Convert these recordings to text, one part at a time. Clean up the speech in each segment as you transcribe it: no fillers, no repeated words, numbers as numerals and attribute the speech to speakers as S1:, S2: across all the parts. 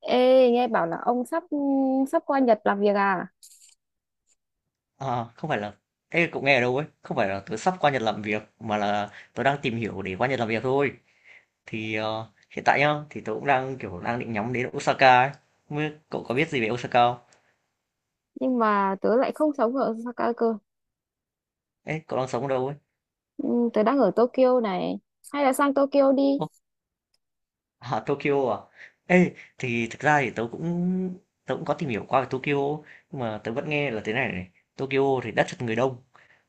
S1: Ê, nghe bảo là ông sắp sắp qua Nhật làm việc à?
S2: Ờ, không phải là Ê, cậu nghe ở đâu ấy? Không phải là tớ sắp qua Nhật làm việc mà là tớ đang tìm hiểu để qua Nhật làm việc thôi. Thì hiện tại nhá, thì tớ cũng đang định nhắm đến Osaka ấy. Không biết cậu có biết gì về Osaka không?
S1: Nhưng mà tớ lại không sống ở Osaka cơ.
S2: Ê, cậu đang sống ở đâu ấy?
S1: Ừ, tớ đang ở Tokyo này. Hay là sang Tokyo đi.
S2: À, Tokyo à? Ê, thì thực ra thì tớ cũng có tìm hiểu qua về Tokyo, nhưng mà tớ vẫn nghe là thế này này. Tokyo thì đất chật người đông,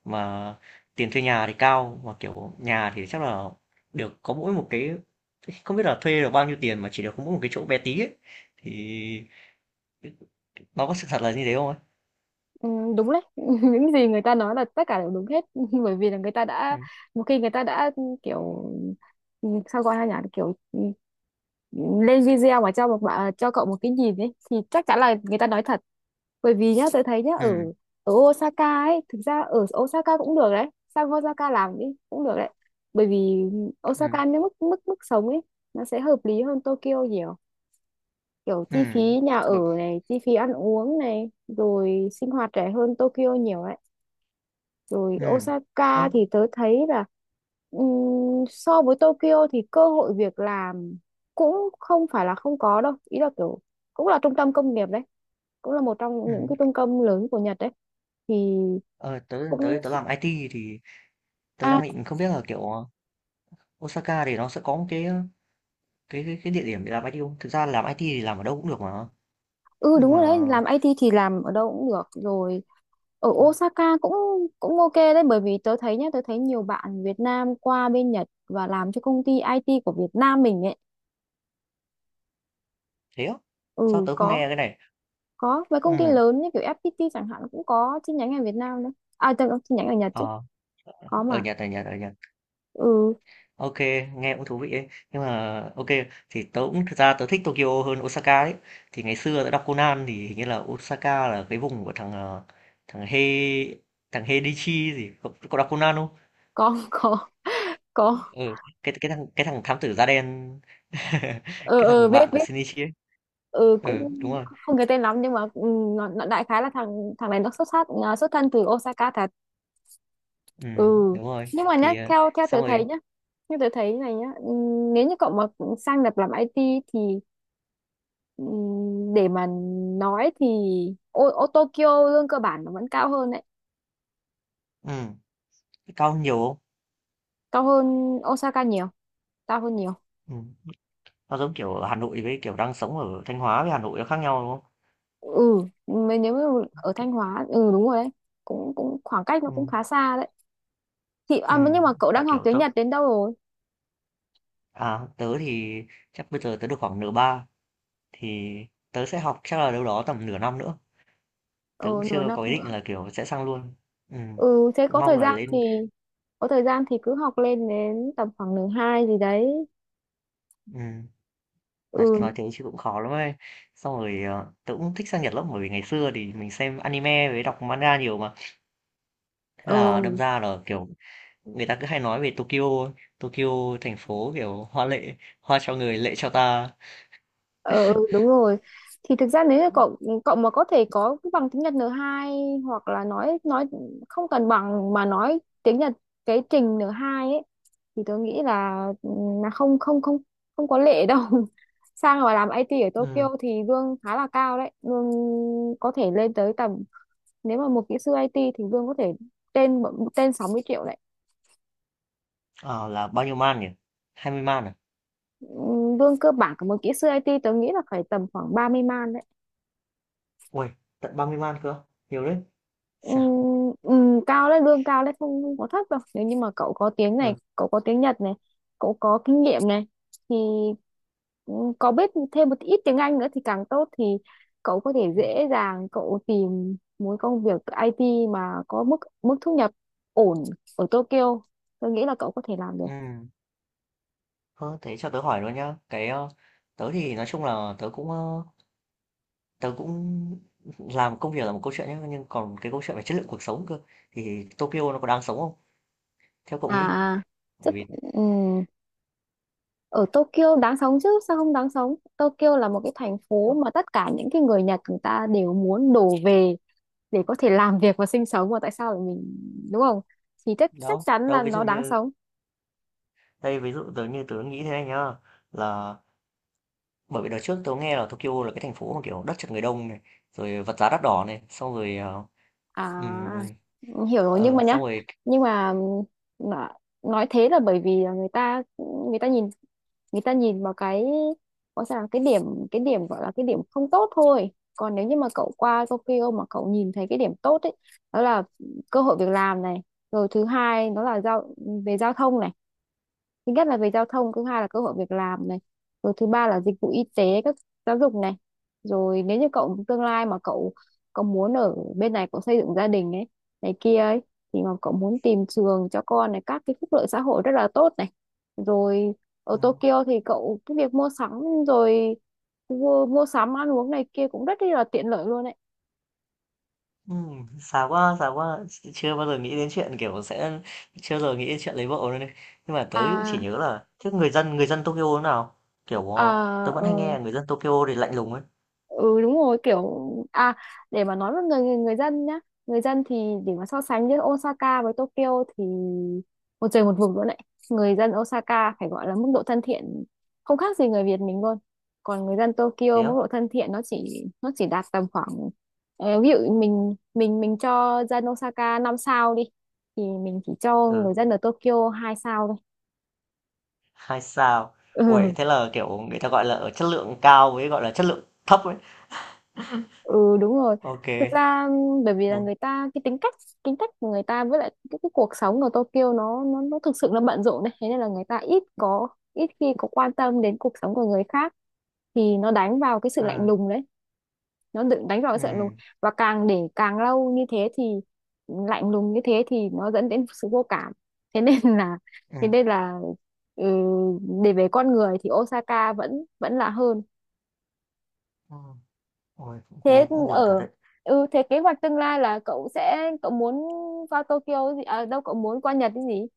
S2: mà tiền thuê nhà thì cao, mà kiểu nhà thì chắc là được có mỗi một cái, không biết là thuê được bao nhiêu tiền mà chỉ được có mỗi một cái chỗ bé tí ấy. Thì nó có sự thật là như thế không ấy?
S1: Ừ, đúng đấy. Những gì người ta nói là tất cả đều đúng hết. Bởi vì là người ta đã
S2: Ừ.
S1: một khi người ta đã kiểu, sao gọi là nhỉ? Kiểu lên video mà cho cậu một cái nhìn ấy, thì chắc chắn là người ta nói thật. Bởi vì nhá, tôi thấy nhá, ở
S2: Ừ.
S1: ở Osaka ấy, thực ra ở Osaka cũng được đấy, sang Osaka làm đi, cũng được đấy. Bởi vì
S2: Ừ.
S1: Osaka nếu mức mức mức sống ấy, nó sẽ hợp lý hơn Tokyo nhiều, kiểu
S2: Ừ.
S1: chi phí nhà ở
S2: Bởi-
S1: này, chi phí ăn uống này, rồi sinh hoạt rẻ hơn Tokyo nhiều ấy. Rồi
S2: Ừ.
S1: Osaka
S2: Ơ,
S1: thì tớ thấy là, so với Tokyo thì cơ hội việc làm cũng không phải là không có đâu, ý là kiểu cũng là trung tâm công nghiệp đấy, cũng là một trong
S2: Ừ.
S1: những cái trung tâm lớn của Nhật đấy. Thì
S2: Ờ, tớ, tớ,
S1: cũng
S2: tớ làm IT thì tớ
S1: à
S2: đang định không biết là kiểu Osaka thì nó sẽ có một cái địa điểm để làm IT không? Thực ra làm IT thì làm ở đâu cũng được mà,
S1: ừ
S2: nhưng
S1: đúng
S2: mà,
S1: rồi đấy, làm IT thì làm ở đâu cũng được rồi, ở Osaka cũng cũng ok đấy. Bởi vì tớ thấy nhá, tớ thấy nhiều bạn Việt Nam qua bên Nhật và làm cho công ty IT của Việt Nam mình ấy.
S2: thế á? Sao
S1: Ừ,
S2: tớ không
S1: có
S2: nghe cái này?
S1: có mấy công ty
S2: Ừm,
S1: lớn như kiểu FPT chẳng hạn cũng có chi nhánh ở Việt Nam đấy. À, tớ chi nhánh ở Nhật chứ,
S2: ờ,
S1: có
S2: ở
S1: mà.
S2: Nhật, ở Nhật, ở Nhật.
S1: Ừ,
S2: Ok, nghe cũng thú vị ấy. Nhưng mà ok thì tớ cũng thực ra tớ thích Tokyo hơn Osaka ấy. Thì ngày xưa tớ đọc Conan thì hình như là Osaka là cái vùng của thằng, ờ, thằng He thằng Heidichi gì, cậu cậu đọc Conan không?
S1: có. Có, có.
S2: Ừ, cái thằng thám tử da đen,
S1: Ừ,
S2: cái
S1: ừ,
S2: thằng bạn
S1: biết,
S2: của
S1: biết.
S2: Shinichi ấy.
S1: Ừ,
S2: Ừ,
S1: cũng
S2: đúng rồi.
S1: không nhớ tên lắm, nhưng mà nó đại khái là thằng thằng này, nó xuất thân từ Osaka thật. Ừ,
S2: Đúng rồi.
S1: nhưng mà nhá,
S2: Thì,
S1: theo theo tớ
S2: xong
S1: thấy
S2: rồi.
S1: nhá, như tớ thấy này nhá, nếu như cậu mà sang Nhật làm IT thì, ừ, để mà nói thì, ô Tokyo lương cơ bản nó vẫn cao hơn đấy,
S2: ừm. Thế cao nhiều không?
S1: cao hơn Osaka nhiều, cao hơn nhiều.
S2: Ừm, nó giống kiểu ở Hà Nội với, kiểu, đang sống ở Thanh Hóa với Hà Nội nó khác nhau, đúng không?
S1: ừ Nếu mà ở
S2: Kiểu
S1: Thanh Hóa, ừ đúng rồi đấy, cũng cũng khoảng cách nó cũng
S2: ừm,
S1: khá xa đấy. Thì nhưng mà cậu
S2: tại,
S1: đang học
S2: kiểu,
S1: tiếng Nhật đến đâu rồi?
S2: tớ thì chắc bây giờ tớ được khoảng nửa ba, thì tớ sẽ học chắc là đâu đó tầm nửa năm nữa, tớ
S1: Ờ
S2: cũng
S1: nửa
S2: chưa
S1: năm.
S2: có ý định là, kiểu, sẽ sang luôn. Ừm,
S1: Ừ, thế có
S2: mong
S1: thời
S2: là
S1: gian thì,
S2: lên
S1: cứ học lên đến tầm khoảng nửa hai gì đấy.
S2: ừm, nói
S1: Ừ.
S2: thế chứ cũng khó lắm ấy. Xong rồi, tớ cũng thích sang Nhật lắm, bởi vì ngày xưa thì mình xem anime với đọc manga nhiều mà, thế là đâm
S1: Ừ,
S2: ra là, kiểu người ta cứ hay nói về Tokyo. Tokyo thành phố kiểu hoa lệ, hoa cho người lệ cho ta.
S1: ừ đúng rồi. Thì thực ra nếu như cậu cậu mà có thể có cái bằng tiếng Nhật N2, hoặc là nói không cần bằng mà nói tiếng Nhật cái trình N2 ấy, thì tôi nghĩ là, là không không không không có lệ đâu. Sang và làm IT ở
S2: Ừ.
S1: Tokyo thì lương khá là cao đấy, lương có thể lên tới tầm, nếu mà một kỹ sư IT thì lương có thể trên trên 60 triệu đấy.
S2: Ờ, là bao nhiêu man nhỉ? 20 man à?
S1: Lương cơ bản của một kỹ sư IT tớ nghĩ là phải tầm khoảng 30 man đấy.
S2: Ui, tận 30 man cơ, nhiều đấy. Chà.
S1: Cao đấy, lương cao đấy, không có thấp đâu. Nếu như mà cậu có tiếng này,
S2: ờ,
S1: cậu có tiếng Nhật này, cậu có kinh nghiệm này, thì có biết thêm một ít tiếng Anh nữa thì càng tốt, thì cậu có thể
S2: ừ.
S1: dễ dàng cậu tìm một công việc IT mà có mức mức thu nhập ổn ở Tokyo, tôi nghĩ là cậu có thể làm được.
S2: Ừ. Ờ, thế cho tớ hỏi luôn nhá, cái tớ thì nói chung là tớ cũng làm công việc là một câu chuyện nhá, nhưng còn cái câu chuyện về chất lượng cuộc sống cơ, thì Tokyo nó có đáng sống không, theo cậu nghĩ?
S1: à
S2: Bởi
S1: rất
S2: vì
S1: ừ, ở Tokyo đáng sống chứ, sao không đáng sống. Tokyo là một cái thành phố mà tất cả những cái người Nhật người ta đều muốn đổ về để có thể làm việc và sinh sống, mà tại sao lại mình, đúng không? Thì chắc chắc
S2: đâu
S1: chắn
S2: đâu,
S1: là
S2: ví dụ
S1: nó đáng
S2: như,
S1: sống.
S2: đây ví dụ tớ, như tớ nghĩ thế này nhá, là bởi vì đợt trước tớ nghe là Tokyo là cái thành phố mà, kiểu, đất chật người đông này, rồi vật giá đắt đỏ này, xong rồi, ừm,
S1: À, hiểu rồi, nhưng mà nhá,
S2: xong rồi.
S1: nhưng mà nó- nói thế là bởi vì là người ta, người ta nhìn người ta nhìn vào cái, gọi sao là cái điểm, cái điểm gọi là cái điểm không tốt thôi. Còn nếu như mà cậu qua Tokyo mà cậu nhìn thấy cái điểm tốt ấy, đó là cơ hội việc làm này, rồi thứ hai nó là về giao thông này, thứ nhất là về giao thông, thứ hai là cơ hội việc làm này, rồi thứ ba là dịch vụ y tế, các giáo dục này. Rồi nếu như cậu tương lai mà cậu cậu muốn ở bên này, cậu xây dựng gia đình ấy, này kia ấy, thì mà cậu muốn tìm trường cho con này, các cái phúc lợi xã hội rất là tốt này. Rồi ở
S2: ừm,
S1: Tokyo thì cậu cái việc mua sắm, rồi mua sắm ăn uống này kia cũng rất là tiện lợi luôn ấy.
S2: xa quá, chưa bao giờ nghĩ đến chuyện, kiểu, sẽ chưa bao giờ nghĩ đến chuyện lấy vợ luôn ấy. Nhưng mà tớ cũng chỉ
S1: à
S2: nhớ là thế, người dân Tokyo thế nào? Kiểu
S1: à
S2: tớ vẫn
S1: ờ,
S2: hay nghe là người dân Tokyo thì lạnh lùng ấy,
S1: ừ đúng rồi kiểu à. Để mà nói với người người, người dân nhá, người dân thì, để mà so sánh giữa Osaka với Tokyo thì một trời một vực luôn đấy. Người dân Osaka phải gọi là mức độ thân thiện không khác gì người Việt mình luôn. Còn người dân
S2: thế
S1: Tokyo mức
S2: á?
S1: độ thân thiện nó chỉ, đạt tầm khoảng, ờ, ví dụ mình mình cho dân Osaka 5 sao đi thì mình chỉ cho
S2: Ừ,
S1: người dân ở Tokyo 2 sao thôi.
S2: hai sao.
S1: Ừ,
S2: Ui, thế là kiểu người ta gọi là ở chất lượng cao với gọi là chất lượng thấp ấy.
S1: ừ đúng rồi.
S2: Ok,
S1: Thực ra bởi vì là
S2: bốn.
S1: người ta cái tính cách, của người ta với lại cái cuộc sống ở Tokyo nó thực sự nó bận rộn đấy. Thế nên là người ta ít có, ít khi có quan tâm đến cuộc sống của người khác, thì nó đánh vào cái sự lạnh
S2: Ừ,
S1: lùng đấy, nó tự đánh vào cái
S2: ừ,
S1: sự lạnh lùng. Và càng để càng lâu như thế thì lạnh lùng như thế thì nó dẫn đến sự vô cảm, thế nên là,
S2: ừ.
S1: thế nên là ừ, để về con người thì Osaka vẫn vẫn là hơn.
S2: Ừ. Ôi,
S1: Thế
S2: nghe cũng buồn thật
S1: ở
S2: đấy.
S1: ừ thế kế hoạch tương lai là cậu muốn qua Tokyo gì à, đâu cậu muốn qua Nhật cái gì?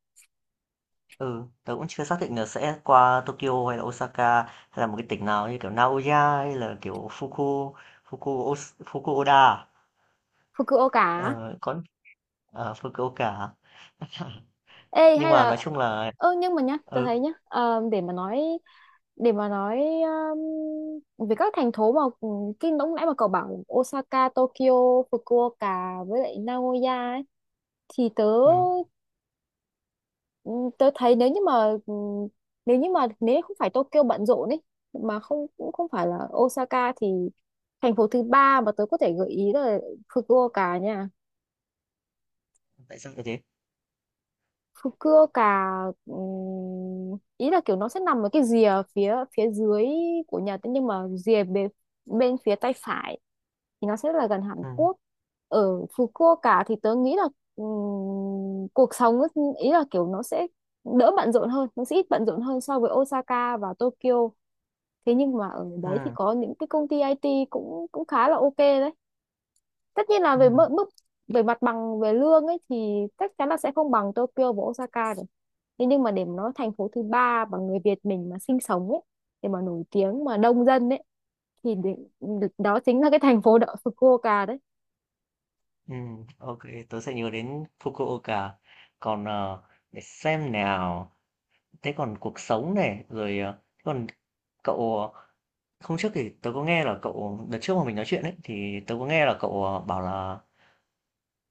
S2: Ừ, tớ cũng chưa xác định là sẽ qua Tokyo hay là Osaka hay là một cái tỉnh nào như kiểu Naoya hay là kiểu Fuku Fuku Os- Fukuoka à?
S1: Fukuoka á?
S2: Ờ, có. Ờ, Fukuoka à?
S1: Ê
S2: Nhưng
S1: hay
S2: mà
S1: là,
S2: nói chung là
S1: nhưng mà nhá, tôi
S2: ừ.
S1: thấy nhá, để mà nói, để mà nói, về các thành phố mà, cái lúc nãy mà cậu bảo Osaka, Tokyo, Fukuoka với lại Nagoya ấy, thì tớ,
S2: Ừ,
S1: ừ, tôi thấy nếu như mà, nếu như mà nếu không phải Tokyo bận rộn ấy, mà không cũng không phải là Osaka, thì thành phố thứ ba mà tôi có thể gợi ý là Fukuoka nha.
S2: tại sao lại thế?
S1: Fukuoka, ý là kiểu nó sẽ nằm ở cái rìa phía phía dưới của Nhật ấy, nhưng mà rìa bên, bên phía tay phải thì nó sẽ là gần Hàn
S2: Ừ,
S1: Quốc. Ở Fukuoka thì tớ nghĩ là, cuộc sống ấy, ý là kiểu nó sẽ đỡ bận rộn hơn, nó sẽ ít bận rộn hơn so với Osaka và Tokyo. Thế nhưng mà ở đấy thì
S2: ừ,
S1: có những cái công ty IT cũng cũng khá là ok đấy. Tất nhiên là về
S2: ừ,
S1: mức mức, về mặt bằng về lương ấy thì chắc chắn là sẽ không bằng Tokyo và Osaka rồi. Thế nhưng mà để mà nói thành phố thứ ba mà người Việt mình mà sinh sống ấy, để mà nổi tiếng mà đông dân ấy, thì đó chính là cái thành phố đó, Fukuoka đấy.
S2: ừ. Ok, tớ sẽ nhớ đến Fukuoka. Còn để xem nào. Thế còn cuộc sống này, rồi, thế còn cậu, hôm trước thì tớ có nghe là cậu đợt trước mà mình nói chuyện ấy, thì tớ có nghe là cậu, bảo là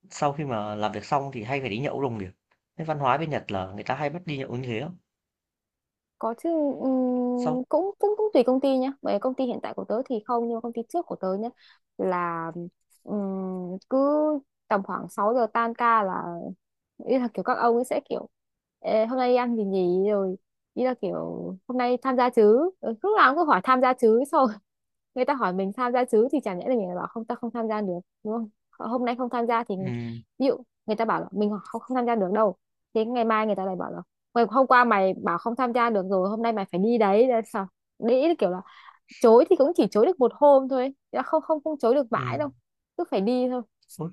S2: sau khi mà làm việc xong thì hay phải đi nhậu đồng nghiệp. Thế văn hóa bên Nhật là người ta hay bắt đi nhậu như thế không?
S1: Có chứ.
S2: Sau.
S1: Cũng cũng cũng tùy công ty nhá. Bởi công ty hiện tại của tớ thì không, nhưng mà công ty trước của tớ nhá là, cứ tầm khoảng 6 giờ tan ca là, ý là kiểu các ông ấy sẽ kiểu, "Ê, hôm nay đi ăn gì nhỉ," rồi ý là kiểu hôm nay tham gia chứ. Ừ, lúc nào cũng cứ hỏi tham gia chứ. Xong người ta hỏi mình tham gia chứ thì chả nhẽ là mình lại bảo không, ta không tham gia được, đúng không? Hôm nay không tham gia thì,
S2: ừm,
S1: ví dụ người ta bảo là mình không tham gia được đâu, thế ngày mai người ta lại bảo là, Hôm qua mày bảo không tham gia được, rồi hôm nay mày phải đi đấy." Thế là sao? Đấy, kiểu là chối thì cũng chỉ chối được một hôm thôi, chứ không không không chối được mãi
S2: ừm,
S1: đâu, cứ phải đi thôi.
S2: Ơ.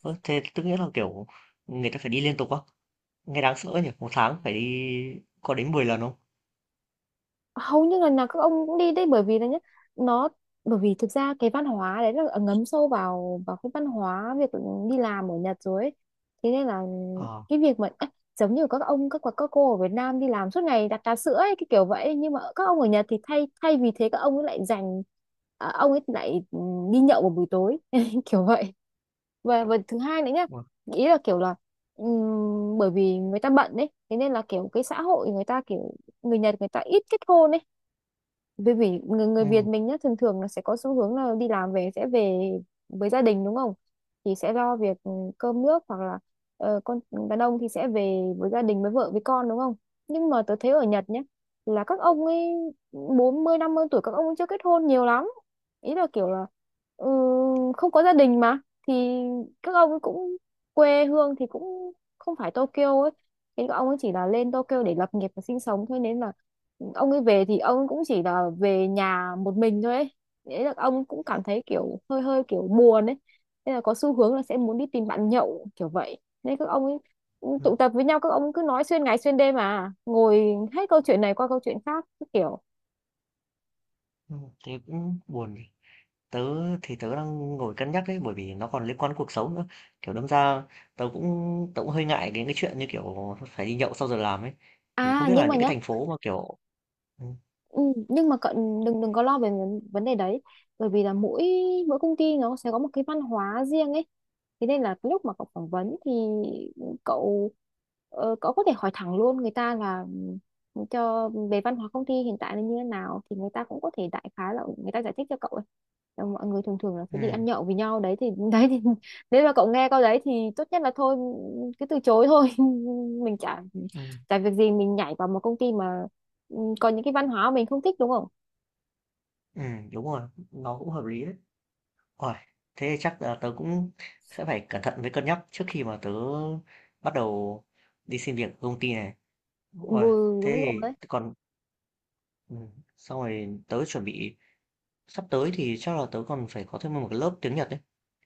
S2: thế tức nghĩa là, kiểu, người ta phải đi liên tục á? Nghe đáng sợ nhỉ? Một tháng phải đi có đến 10 lần không?
S1: Hầu như lần nào các ông cũng đi đấy, bởi vì là nhá nó, bởi vì thực ra cái văn hóa đấy là ngấm sâu vào vào cái văn hóa việc đi làm ở Nhật rồi ấy. Thế nên là
S2: Ờ.
S1: cái việc mà á, giống như các ông các cô ở Việt Nam đi làm suốt ngày đặt trà sữa ấy, cái kiểu vậy, nhưng mà các ông ở Nhật thì thay thay vì thế các ông ấy lại dành, à, ông ấy lại, đi nhậu vào buổi tối. Kiểu vậy. Và thứ hai nữa nhá,
S2: Uầy.
S1: ý là kiểu là, bởi vì người ta bận đấy, thế nên là kiểu cái xã hội người ta kiểu, người Nhật người ta ít kết hôn ấy. Bởi vì người Việt
S2: ừm,
S1: mình nhá thường thường là sẽ có xu hướng là đi làm về sẽ về với gia đình, đúng không? Thì sẽ lo việc, cơm nước, hoặc là, con, đàn ông thì sẽ về với gia đình với vợ với con, đúng không? Nhưng mà tớ thấy ở Nhật nhá, là các ông ấy 40, 50 tuổi các ông ấy chưa kết hôn nhiều lắm. Ý là kiểu là, ừ, không có gia đình mà, thì các ông ấy cũng quê hương thì cũng không phải Tokyo ấy, thì các ông ấy chỉ là lên Tokyo để lập nghiệp và sinh sống thôi, nên là ông ấy về thì ông cũng chỉ là về nhà một mình thôi ấy. Thế là ông cũng cảm thấy kiểu hơi hơi kiểu buồn ấy, nên là có xu hướng là sẽ muốn đi tìm bạn nhậu, kiểu vậy nên các ông ấy
S2: ừm,
S1: tụ tập với nhau, các ông cứ nói xuyên ngày xuyên đêm mà ngồi hết câu chuyện này qua câu chuyện khác cứ kiểu.
S2: thế cũng buồn nhỉ? Tớ thì tớ đang ngồi cân nhắc đấy, bởi vì nó còn liên quan đến cuộc sống nữa. Kiểu đâm ra tớ cũng hơi ngại đến cái chuyện như kiểu phải đi nhậu sau giờ làm ấy. Thì không biết là
S1: Nhưng mà
S2: những cái
S1: nhá.
S2: thành phố mà kiểu ừ,
S1: Ừ, nhưng mà cậu đừng đừng có lo về vấn vấn đề đấy. Bởi vì là mỗi mỗi công ty nó sẽ có một cái văn hóa riêng ấy, thế nên là lúc mà cậu phỏng vấn thì cậu, cậu có thể hỏi thẳng luôn người ta là, cho về văn hóa công ty hiện tại là như thế nào, thì người ta cũng có thể đại khái là, người ta giải thích cho cậu ấy. Ờ, mọi người thường thường là sẽ
S2: ừ,
S1: đi ăn nhậu với nhau đấy, thì đấy thì nếu mà cậu nghe câu đấy thì tốt nhất là thôi, cứ từ chối thôi. Mình chả
S2: ừ,
S1: tại việc gì mình nhảy vào một công ty mà, có những cái văn hóa mình không thích, đúng không?
S2: ừ, đúng rồi, nó cũng hợp lý đấy. Ôi, thế chắc là tớ cũng sẽ phải cẩn thận với cân nhắc trước khi mà tớ bắt đầu đi xin việc ở công ty này.
S1: Ừ
S2: Ôi, thế
S1: đúng rồi đấy.
S2: thì còn ừ, xong rồi tớ chuẩn bị. Sắp tới thì chắc là tớ còn phải có thêm một cái lớp tiếng Nhật đấy.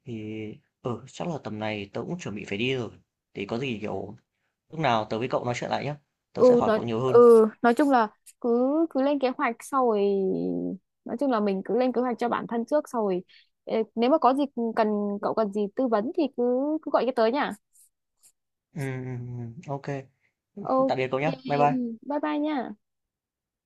S2: Thì, ừ, chắc là tầm này tớ cũng chuẩn bị phải đi rồi. Thì có gì, kiểu, lúc nào tớ với cậu nói chuyện lại nhá. Tớ
S1: Ừ
S2: sẽ hỏi cậu nhiều hơn.
S1: nói chung là cứ cứ lên kế hoạch, sau rồi nói chung là mình cứ lên kế hoạch cho bản thân trước, sau rồi ê, nếu mà có gì cần, cậu cần gì tư vấn thì cứ cứ gọi cái tới nha.
S2: Ok.
S1: Ok,
S2: Tạm biệt cậu nhá. Bye bye.
S1: bye bye nha.